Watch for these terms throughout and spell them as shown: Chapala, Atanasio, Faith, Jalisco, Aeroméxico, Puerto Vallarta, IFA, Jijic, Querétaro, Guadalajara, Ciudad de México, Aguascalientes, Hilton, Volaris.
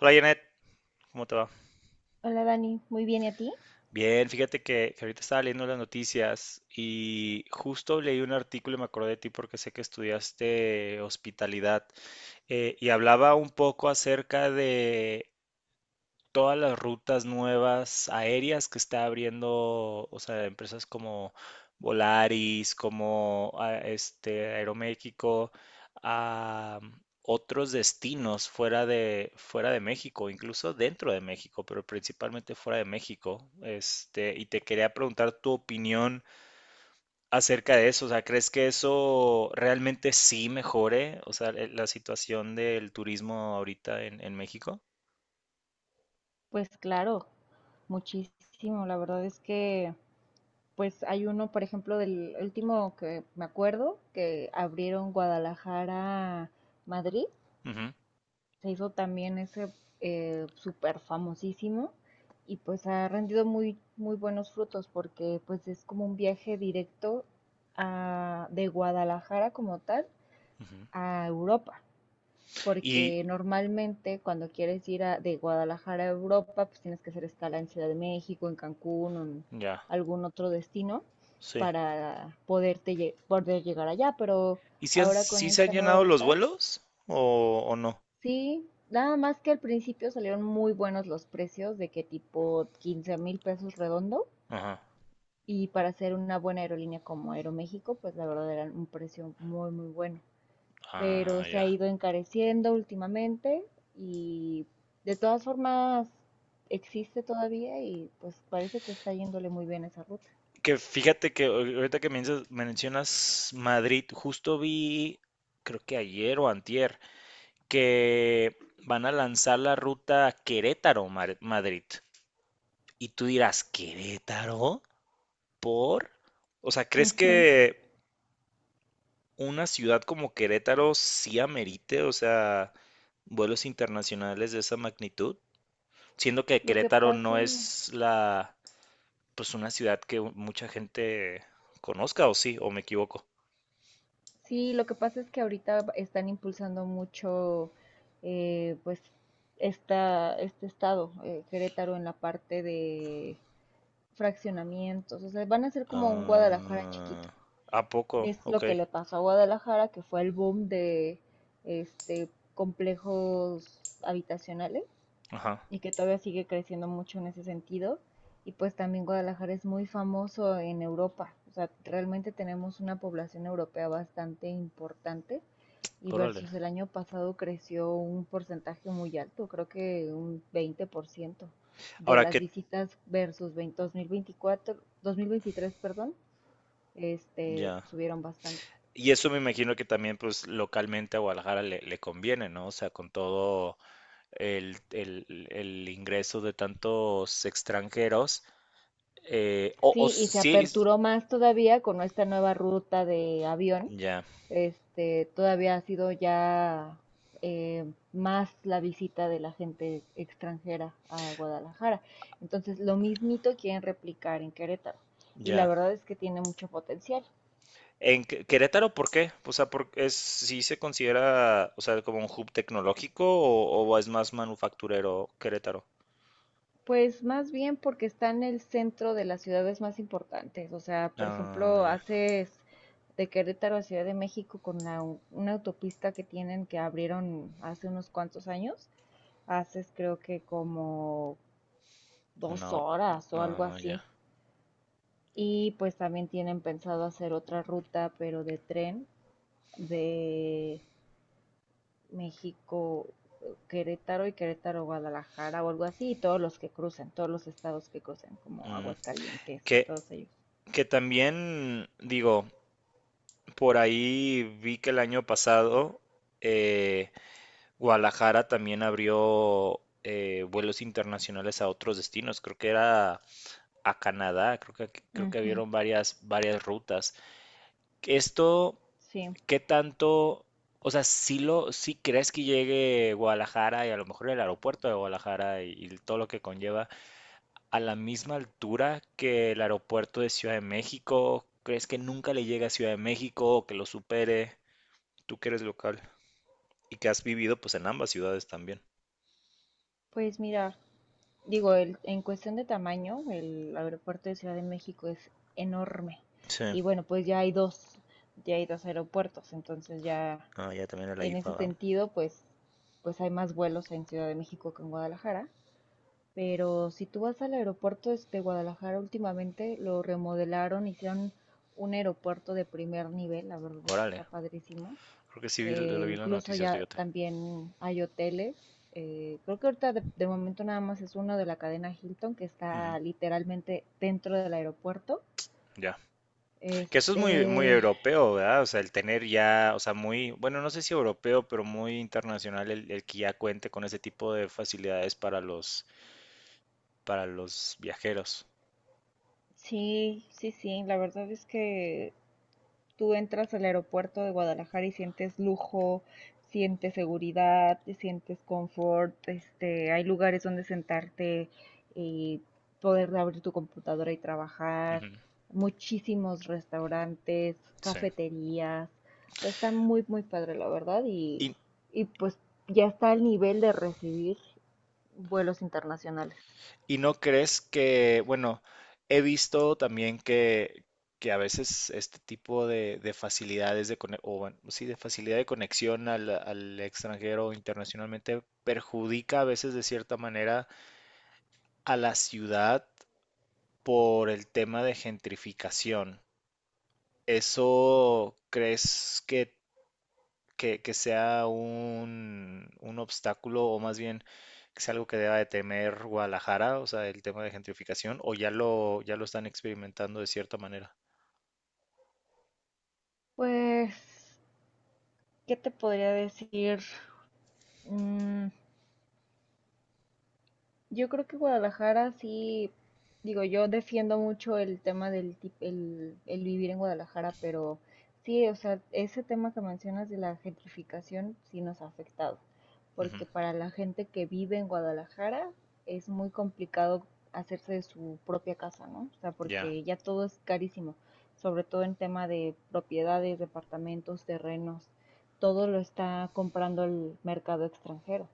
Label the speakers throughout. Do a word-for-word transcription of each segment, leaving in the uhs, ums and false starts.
Speaker 1: Hola Janet, ¿cómo te va?
Speaker 2: Hola Dani, muy bien, ¿y a ti?
Speaker 1: Bien, fíjate que, que ahorita estaba leyendo las noticias y justo leí un artículo y me acordé de ti porque sé que estudiaste hospitalidad eh, y hablaba un poco acerca de todas las rutas nuevas aéreas que está abriendo, o sea, empresas como Volaris, como ah, este Aeroméxico, a otros destinos fuera de fuera de México, incluso dentro de México, pero principalmente fuera de México. Este, y te quería preguntar tu opinión acerca de eso, o sea, ¿crees que eso realmente sí mejore, o sea, el- la situación del turismo ahorita en, en México?
Speaker 2: Pues claro, muchísimo. La verdad es que, pues hay uno, por ejemplo, del último que me acuerdo, que abrieron Guadalajara, Madrid,
Speaker 1: Ujú,
Speaker 2: se hizo también ese eh, súper famosísimo y pues ha rendido muy, muy buenos frutos porque pues es como un viaje directo a- de Guadalajara como tal
Speaker 1: ujú.
Speaker 2: a Europa.
Speaker 1: Y
Speaker 2: Porque normalmente cuando quieres ir a- de Guadalajara a Europa, pues tienes que hacer escala en Ciudad de México, en Cancún o en
Speaker 1: ya,
Speaker 2: algún otro destino
Speaker 1: sí.
Speaker 2: para poderte lle- poder llegar allá. Pero
Speaker 1: ¿Y si, han-
Speaker 2: ahora con
Speaker 1: si se han
Speaker 2: esta nueva
Speaker 1: llenado los
Speaker 2: ruta,
Speaker 1: vuelos o, o no?
Speaker 2: sí, nada más que al principio salieron muy buenos los precios, de que tipo quince mil pesos redondo.
Speaker 1: Ajá.
Speaker 2: Y para ser una buena aerolínea como Aeroméxico, pues la verdad era un precio muy, muy bueno.
Speaker 1: Ah,
Speaker 2: Pero se ha
Speaker 1: ya.
Speaker 2: ido encareciendo últimamente y de todas formas existe todavía y pues parece que está yéndole muy bien esa ruta.
Speaker 1: Que fíjate que ahor- ahorita que mencio- mencionas Madrid, justo vi, creo que ayer o antier, que van a lanzar la ruta Querétaro-Madrid. Y tú dirás, ¿Querétaro? ¿Por? O sea, ¿crees
Speaker 2: Ujú.
Speaker 1: que una ciudad como Querétaro sí amerite, o sea, vuelos internacionales de esa magnitud? Siendo que
Speaker 2: Lo que
Speaker 1: Querétaro
Speaker 2: pasa,
Speaker 1: no es la, pues una ciudad que mucha gente conozca, o sí, o me equivoco.
Speaker 2: sí, lo que pasa es que ahorita están impulsando mucho, eh, pues, esta, este estado, eh, Querétaro, en la parte de fraccionamientos. O sea, van a ser como un Guadalajara
Speaker 1: Ah,
Speaker 2: chiquito.
Speaker 1: ¿a poco?
Speaker 2: Es
Speaker 1: Ok.
Speaker 2: lo que le pasó a Guadalajara, que fue el boom de este complejos habitacionales
Speaker 1: Ajá.
Speaker 2: y que todavía sigue creciendo mucho en ese sentido. Y pues también Guadalajara es muy famoso en Europa. O sea, realmente tenemos una población europea bastante importante y
Speaker 1: Órale.
Speaker 2: versus el año pasado creció un porcentaje muy alto, creo que un veinte por ciento de
Speaker 1: Ahora
Speaker 2: las
Speaker 1: que,
Speaker 2: visitas versus veinte dos mil veinticuatro dos mil veintitrés, perdón, este,
Speaker 1: ya.
Speaker 2: subieron bastante.
Speaker 1: Y eso me imagino que también, pues, localmente a Guadalajara le, le conviene, ¿no? O sea, con todo el, el- el ingreso de tantos extranjeros. eh, o, o
Speaker 2: Sí, y se
Speaker 1: sí,
Speaker 2: aperturó más todavía con esta nueva ruta de avión.
Speaker 1: ya,
Speaker 2: Este, todavía ha sido ya eh, más la visita de la gente extranjera a Guadalajara. Entonces, lo mismito quieren replicar en Querétaro. Y la
Speaker 1: ya.
Speaker 2: verdad es que tiene mucho potencial.
Speaker 1: En Qué- Querétaro, ¿por qué? O sea, por, es, ¿sí se considera, o sea, como un hub tecnológico o, o es más manufacturero Querétaro?
Speaker 2: Pues más bien porque está en el centro de las ciudades más importantes. O sea, por
Speaker 1: Ah,
Speaker 2: ejemplo,
Speaker 1: ya,
Speaker 2: haces de Querétaro a Ciudad de México con la- una autopista que tienen que abrieron hace unos cuantos años, haces creo que como dos
Speaker 1: una, o-
Speaker 2: horas o algo
Speaker 1: ah, ya.
Speaker 2: así. Y pues también tienen pensado hacer otra ruta, pero de tren, de México, eh, Querétaro y Querétaro, Guadalajara o algo así, y todos los que crucen, todos los estados que crucen, como
Speaker 1: Mm.
Speaker 2: Aguascalientes y
Speaker 1: Que,
Speaker 2: todos ellos.
Speaker 1: que también, digo, por ahí vi que el año pasado eh, Guadalajara también abrió eh, vuelos internacionales a otros destinos. Creo que era a Canadá, creo que, creo que
Speaker 2: Ujú.
Speaker 1: abrieron varias, varias rutas. Esto...
Speaker 2: Sí,
Speaker 1: ¿Qué tanto, o sea, si lo, si crees que llegue Guadalajara y a lo mejor el aeropuerto de Guadalajara y, y todo lo que conlleva a la misma altura que el aeropuerto de Ciudad de México? ¿Crees que nunca le llegue a Ciudad de México o que lo supere? Tú que eres local y que has vivido pues en ambas ciudades también.
Speaker 2: pues mira, digo, el, en cuestión de tamaño, el aeropuerto de Ciudad de México es enorme.
Speaker 1: Sí,
Speaker 2: Y bueno, pues ya hay dos, ya hay dos aeropuertos, entonces ya
Speaker 1: ah, ya también en la
Speaker 2: en
Speaker 1: I F A,
Speaker 2: ese
Speaker 1: ¿verdad?
Speaker 2: sentido, pues, pues hay más vuelos en Ciudad de México que en Guadalajara. Pero si tú vas al aeropuerto es- de Guadalajara últimamente, lo remodelaron, hicieron un aeropuerto de primer nivel, la verdad es que está
Speaker 1: Órale,
Speaker 2: padrísimo.
Speaker 1: creo que sí vi- lo
Speaker 2: Eh,
Speaker 1: vi en las
Speaker 2: incluso
Speaker 1: noticias,
Speaker 2: ya
Speaker 1: fíjate.
Speaker 2: también hay hoteles. Eh, creo que ahorita de, de momento nada más es uno de la cadena Hilton que
Speaker 1: Ujú.
Speaker 2: está literalmente dentro del aeropuerto.
Speaker 1: Ya. Que eso es muy, muy
Speaker 2: Este,
Speaker 1: europeo, ¿verdad? O sea, el tener ya, o sea, muy, bueno, no sé si europeo, pero muy internacional el, el que ya cuente con ese tipo de facilidades para los, para los viajeros.
Speaker 2: sí, sí, sí, la verdad es que tú entras al aeropuerto de Guadalajara y sientes lujo, sientes seguridad, sientes confort, este, hay lugares donde sentarte y poder abrir tu computadora y trabajar,
Speaker 1: Ujú.
Speaker 2: muchísimos restaurantes,
Speaker 1: Sí.
Speaker 2: cafeterías, o sea, está muy, muy padre, la verdad, y,
Speaker 1: Y,
Speaker 2: y pues ya está al nivel de recibir vuelos internacionales.
Speaker 1: y no crees que, bueno, he visto también que, que, a veces este tipo de, de facilidades de, cone- o bueno, sí, de facilidad de conexión al, al extranjero internacionalmente perjudica a veces de cierta manera a la ciudad por el tema de gentrificación. ¿Eso crees que, que- que sea un, un obstáculo o más bien que sea algo que deba de temer Guadalajara, o sea, el tema de gentrificación, o ya lo, ya lo están experimentando de cierta manera?
Speaker 2: Pues, ¿qué te podría decir? Mm. Yo creo que Guadalajara sí, digo, yo defiendo mucho el tema del tip- el, el vivir en Guadalajara, pero sí, o sea, ese tema que mencionas de la gentrificación sí nos ha afectado,
Speaker 1: Ujú.
Speaker 2: porque para la gente que vive en Guadalajara es muy complicado hacerse de su propia casa, ¿no? O sea,
Speaker 1: Ya.
Speaker 2: porque ya todo es carísimo, sobre todo en tema de propiedades, departamentos, terrenos, todo lo está comprando el mercado extranjero.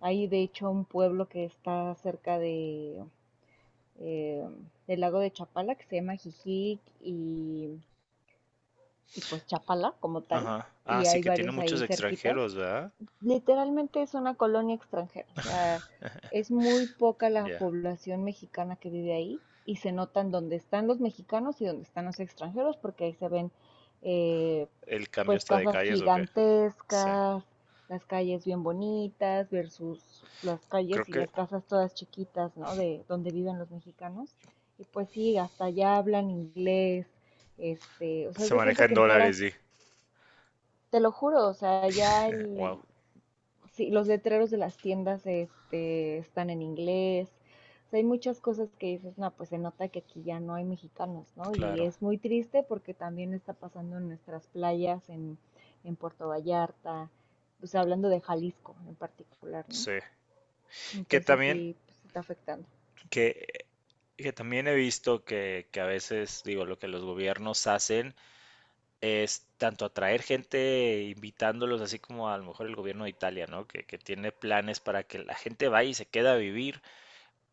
Speaker 2: Hay de hecho un pueblo que está cerca de, eh, del lago de Chapala que se llama Jijic y, y pues Chapala como tal.
Speaker 1: Ajá. Ah,
Speaker 2: Y
Speaker 1: sí,
Speaker 2: hay
Speaker 1: que tiene
Speaker 2: varios
Speaker 1: muchos
Speaker 2: ahí cerquitas.
Speaker 1: extranjeros, ¿verdad?
Speaker 2: Literalmente es una colonia extranjera, o sea, es muy poca la
Speaker 1: Ya.
Speaker 2: población mexicana que vive ahí y se notan dónde están los mexicanos y dónde están los extranjeros porque ahí se ven eh,
Speaker 1: ¿El cambio
Speaker 2: pues
Speaker 1: está de
Speaker 2: casas
Speaker 1: calles o qué? Sí.
Speaker 2: gigantescas, las calles bien bonitas versus las
Speaker 1: Creo
Speaker 2: calles y
Speaker 1: que
Speaker 2: las casas todas chiquitas, ¿no? De donde viven los mexicanos. Y pues sí, hasta allá hablan inglés, este, o sea, haz
Speaker 1: se
Speaker 2: de cuenta
Speaker 1: maneja en
Speaker 2: que entraras,
Speaker 1: dólares, sí.
Speaker 2: te lo juro, o sea, ya el,
Speaker 1: Wow.
Speaker 2: sí, los letreros de las tiendas este, están en inglés. O sea, hay muchas cosas que dices, no, pues se nota que aquí ya no hay mexicanos, ¿no? Y
Speaker 1: Claro.
Speaker 2: es muy triste porque también está pasando en nuestras playas, en, en Puerto Vallarta, o sea, hablando de Jalisco en particular, ¿no?
Speaker 1: Sí. Que
Speaker 2: Entonces
Speaker 1: también,
Speaker 2: sí, pues está afectando.
Speaker 1: Que, que también he visto que, que, a veces, digo, lo que los gobiernos hacen es tanto atraer gente invitándolos, así como a lo mejor el gobierno de Italia, ¿no? Que, que tiene planes para que la gente vaya y se queda a vivir,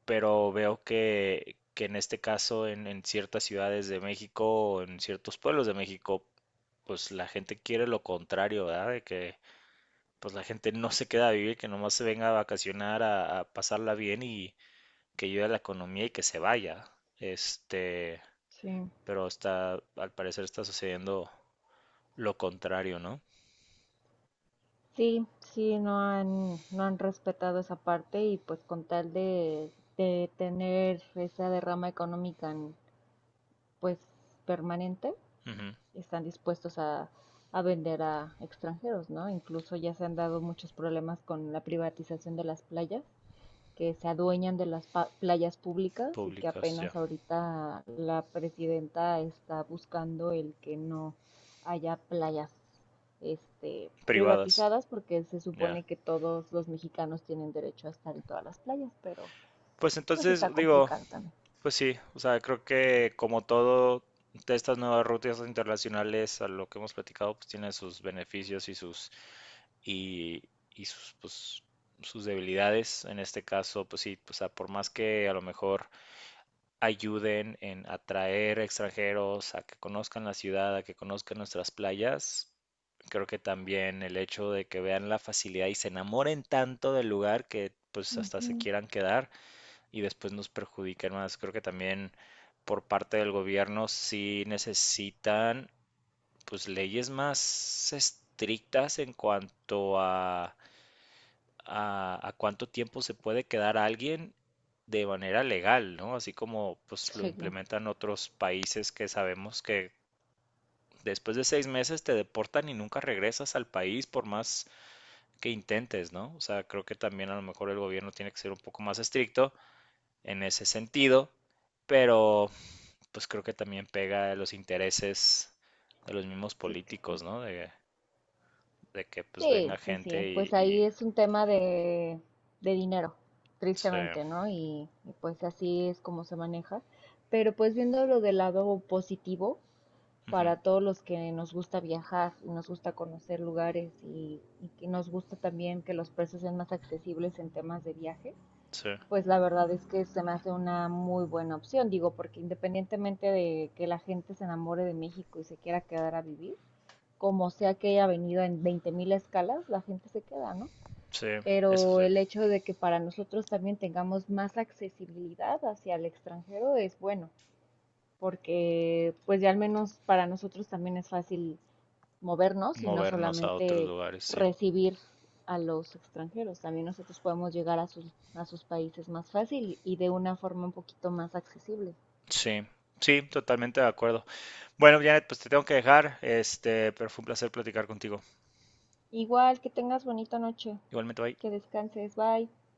Speaker 1: pero veo que, que en este caso en, en ciertas ciudades de México o en ciertos pueblos de México, pues la gente quiere lo contrario, ¿verdad? De que pues la gente no se queda a vivir, que nomás se venga a vacacionar, a, a pasarla bien y, que ayude a la economía y que se vaya. Este,
Speaker 2: Sí.
Speaker 1: pero está, al parecer está sucediendo lo contrario, ¿no?
Speaker 2: Sí, sí, no han, no han respetado esa parte y pues con tal de, de tener esa derrama económica en- pues permanente,
Speaker 1: Ujú.
Speaker 2: están dispuestos a, a vender a extranjeros, ¿no? Incluso ya se han dado muchos problemas con la privatización de las playas, que se adueñan de las playas públicas y que
Speaker 1: Públicas, ya.
Speaker 2: apenas ahorita la presidenta está buscando el que no haya playas este,
Speaker 1: Privadas,
Speaker 2: privatizadas, porque se
Speaker 1: ya.
Speaker 2: supone que todos los mexicanos tienen derecho a estar en todas las playas, pero
Speaker 1: Pues
Speaker 2: pues
Speaker 1: entonces,
Speaker 2: está
Speaker 1: digo,
Speaker 2: complicado también.
Speaker 1: pues sí, o sea, creo que como todo de estas nuevas rutas internacionales a lo que hemos platicado, pues tiene sus beneficios y sus y, y sus pues, sus debilidades. En este caso, pues sí, o sea, por más que a lo mejor ayuden en atraer extranjeros a que conozcan la ciudad, a que conozcan nuestras playas. Creo que también el hecho de que vean la facilidad y se enamoren tanto del lugar que pues hasta se
Speaker 2: Ujú.
Speaker 1: quieran quedar y después nos perjudiquen más. Creo que también por parte del gobierno sí necesitan pues leyes más estrictas en cuanto a a, a cuánto tiempo se puede quedar alguien de manera legal, ¿no? Así como pues lo
Speaker 2: Sí.
Speaker 1: implementan otros países que sabemos que después de seis meses te deportan y nunca regresas al país por más que intentes, ¿no? O sea, creo que también a lo mejor el gobierno tiene que ser un poco más estricto en ese sentido, pero pues creo que también pega a los intereses de los mismos
Speaker 2: Sí, claro.
Speaker 1: políticos, ¿no? De, de que pues venga
Speaker 2: Sí, sí,
Speaker 1: gente
Speaker 2: sí, pues
Speaker 1: y,
Speaker 2: ahí
Speaker 1: y-
Speaker 2: es un tema de, de dinero,
Speaker 1: sí,
Speaker 2: tristemente, ¿no? Y, y pues así es como se maneja. Pero pues viéndolo del lado positivo,
Speaker 1: ujú,
Speaker 2: para todos los que nos gusta viajar y nos gusta conocer lugares y, y que nos gusta también que los precios sean más accesibles en temas de viaje,
Speaker 1: sí,
Speaker 2: pues la verdad es que se me hace una muy buena opción, digo, porque independientemente de que la gente se enamore de México y se quiera quedar a vivir, como sea que haya venido en veinte mil escalas, la gente se queda, ¿no?
Speaker 1: sí, eso
Speaker 2: Pero
Speaker 1: sí.
Speaker 2: el hecho de que para nosotros también tengamos más accesibilidad hacia el extranjero es bueno, porque pues ya al menos para nosotros también es fácil movernos y no
Speaker 1: Movernos a otros
Speaker 2: solamente
Speaker 1: lugares, sí.
Speaker 2: recibir a los extranjeros, también nosotros podemos llegar a sus, a sus países más fácil y de una forma un poquito más accesible.
Speaker 1: Sí, sí, totalmente de acuerdo. Bueno, Janet, pues te tengo que dejar, este, pero fue un placer platicar contigo.
Speaker 2: Igual, que tengas bonita noche,
Speaker 1: Igualmente, bye.
Speaker 2: que descanses, bye.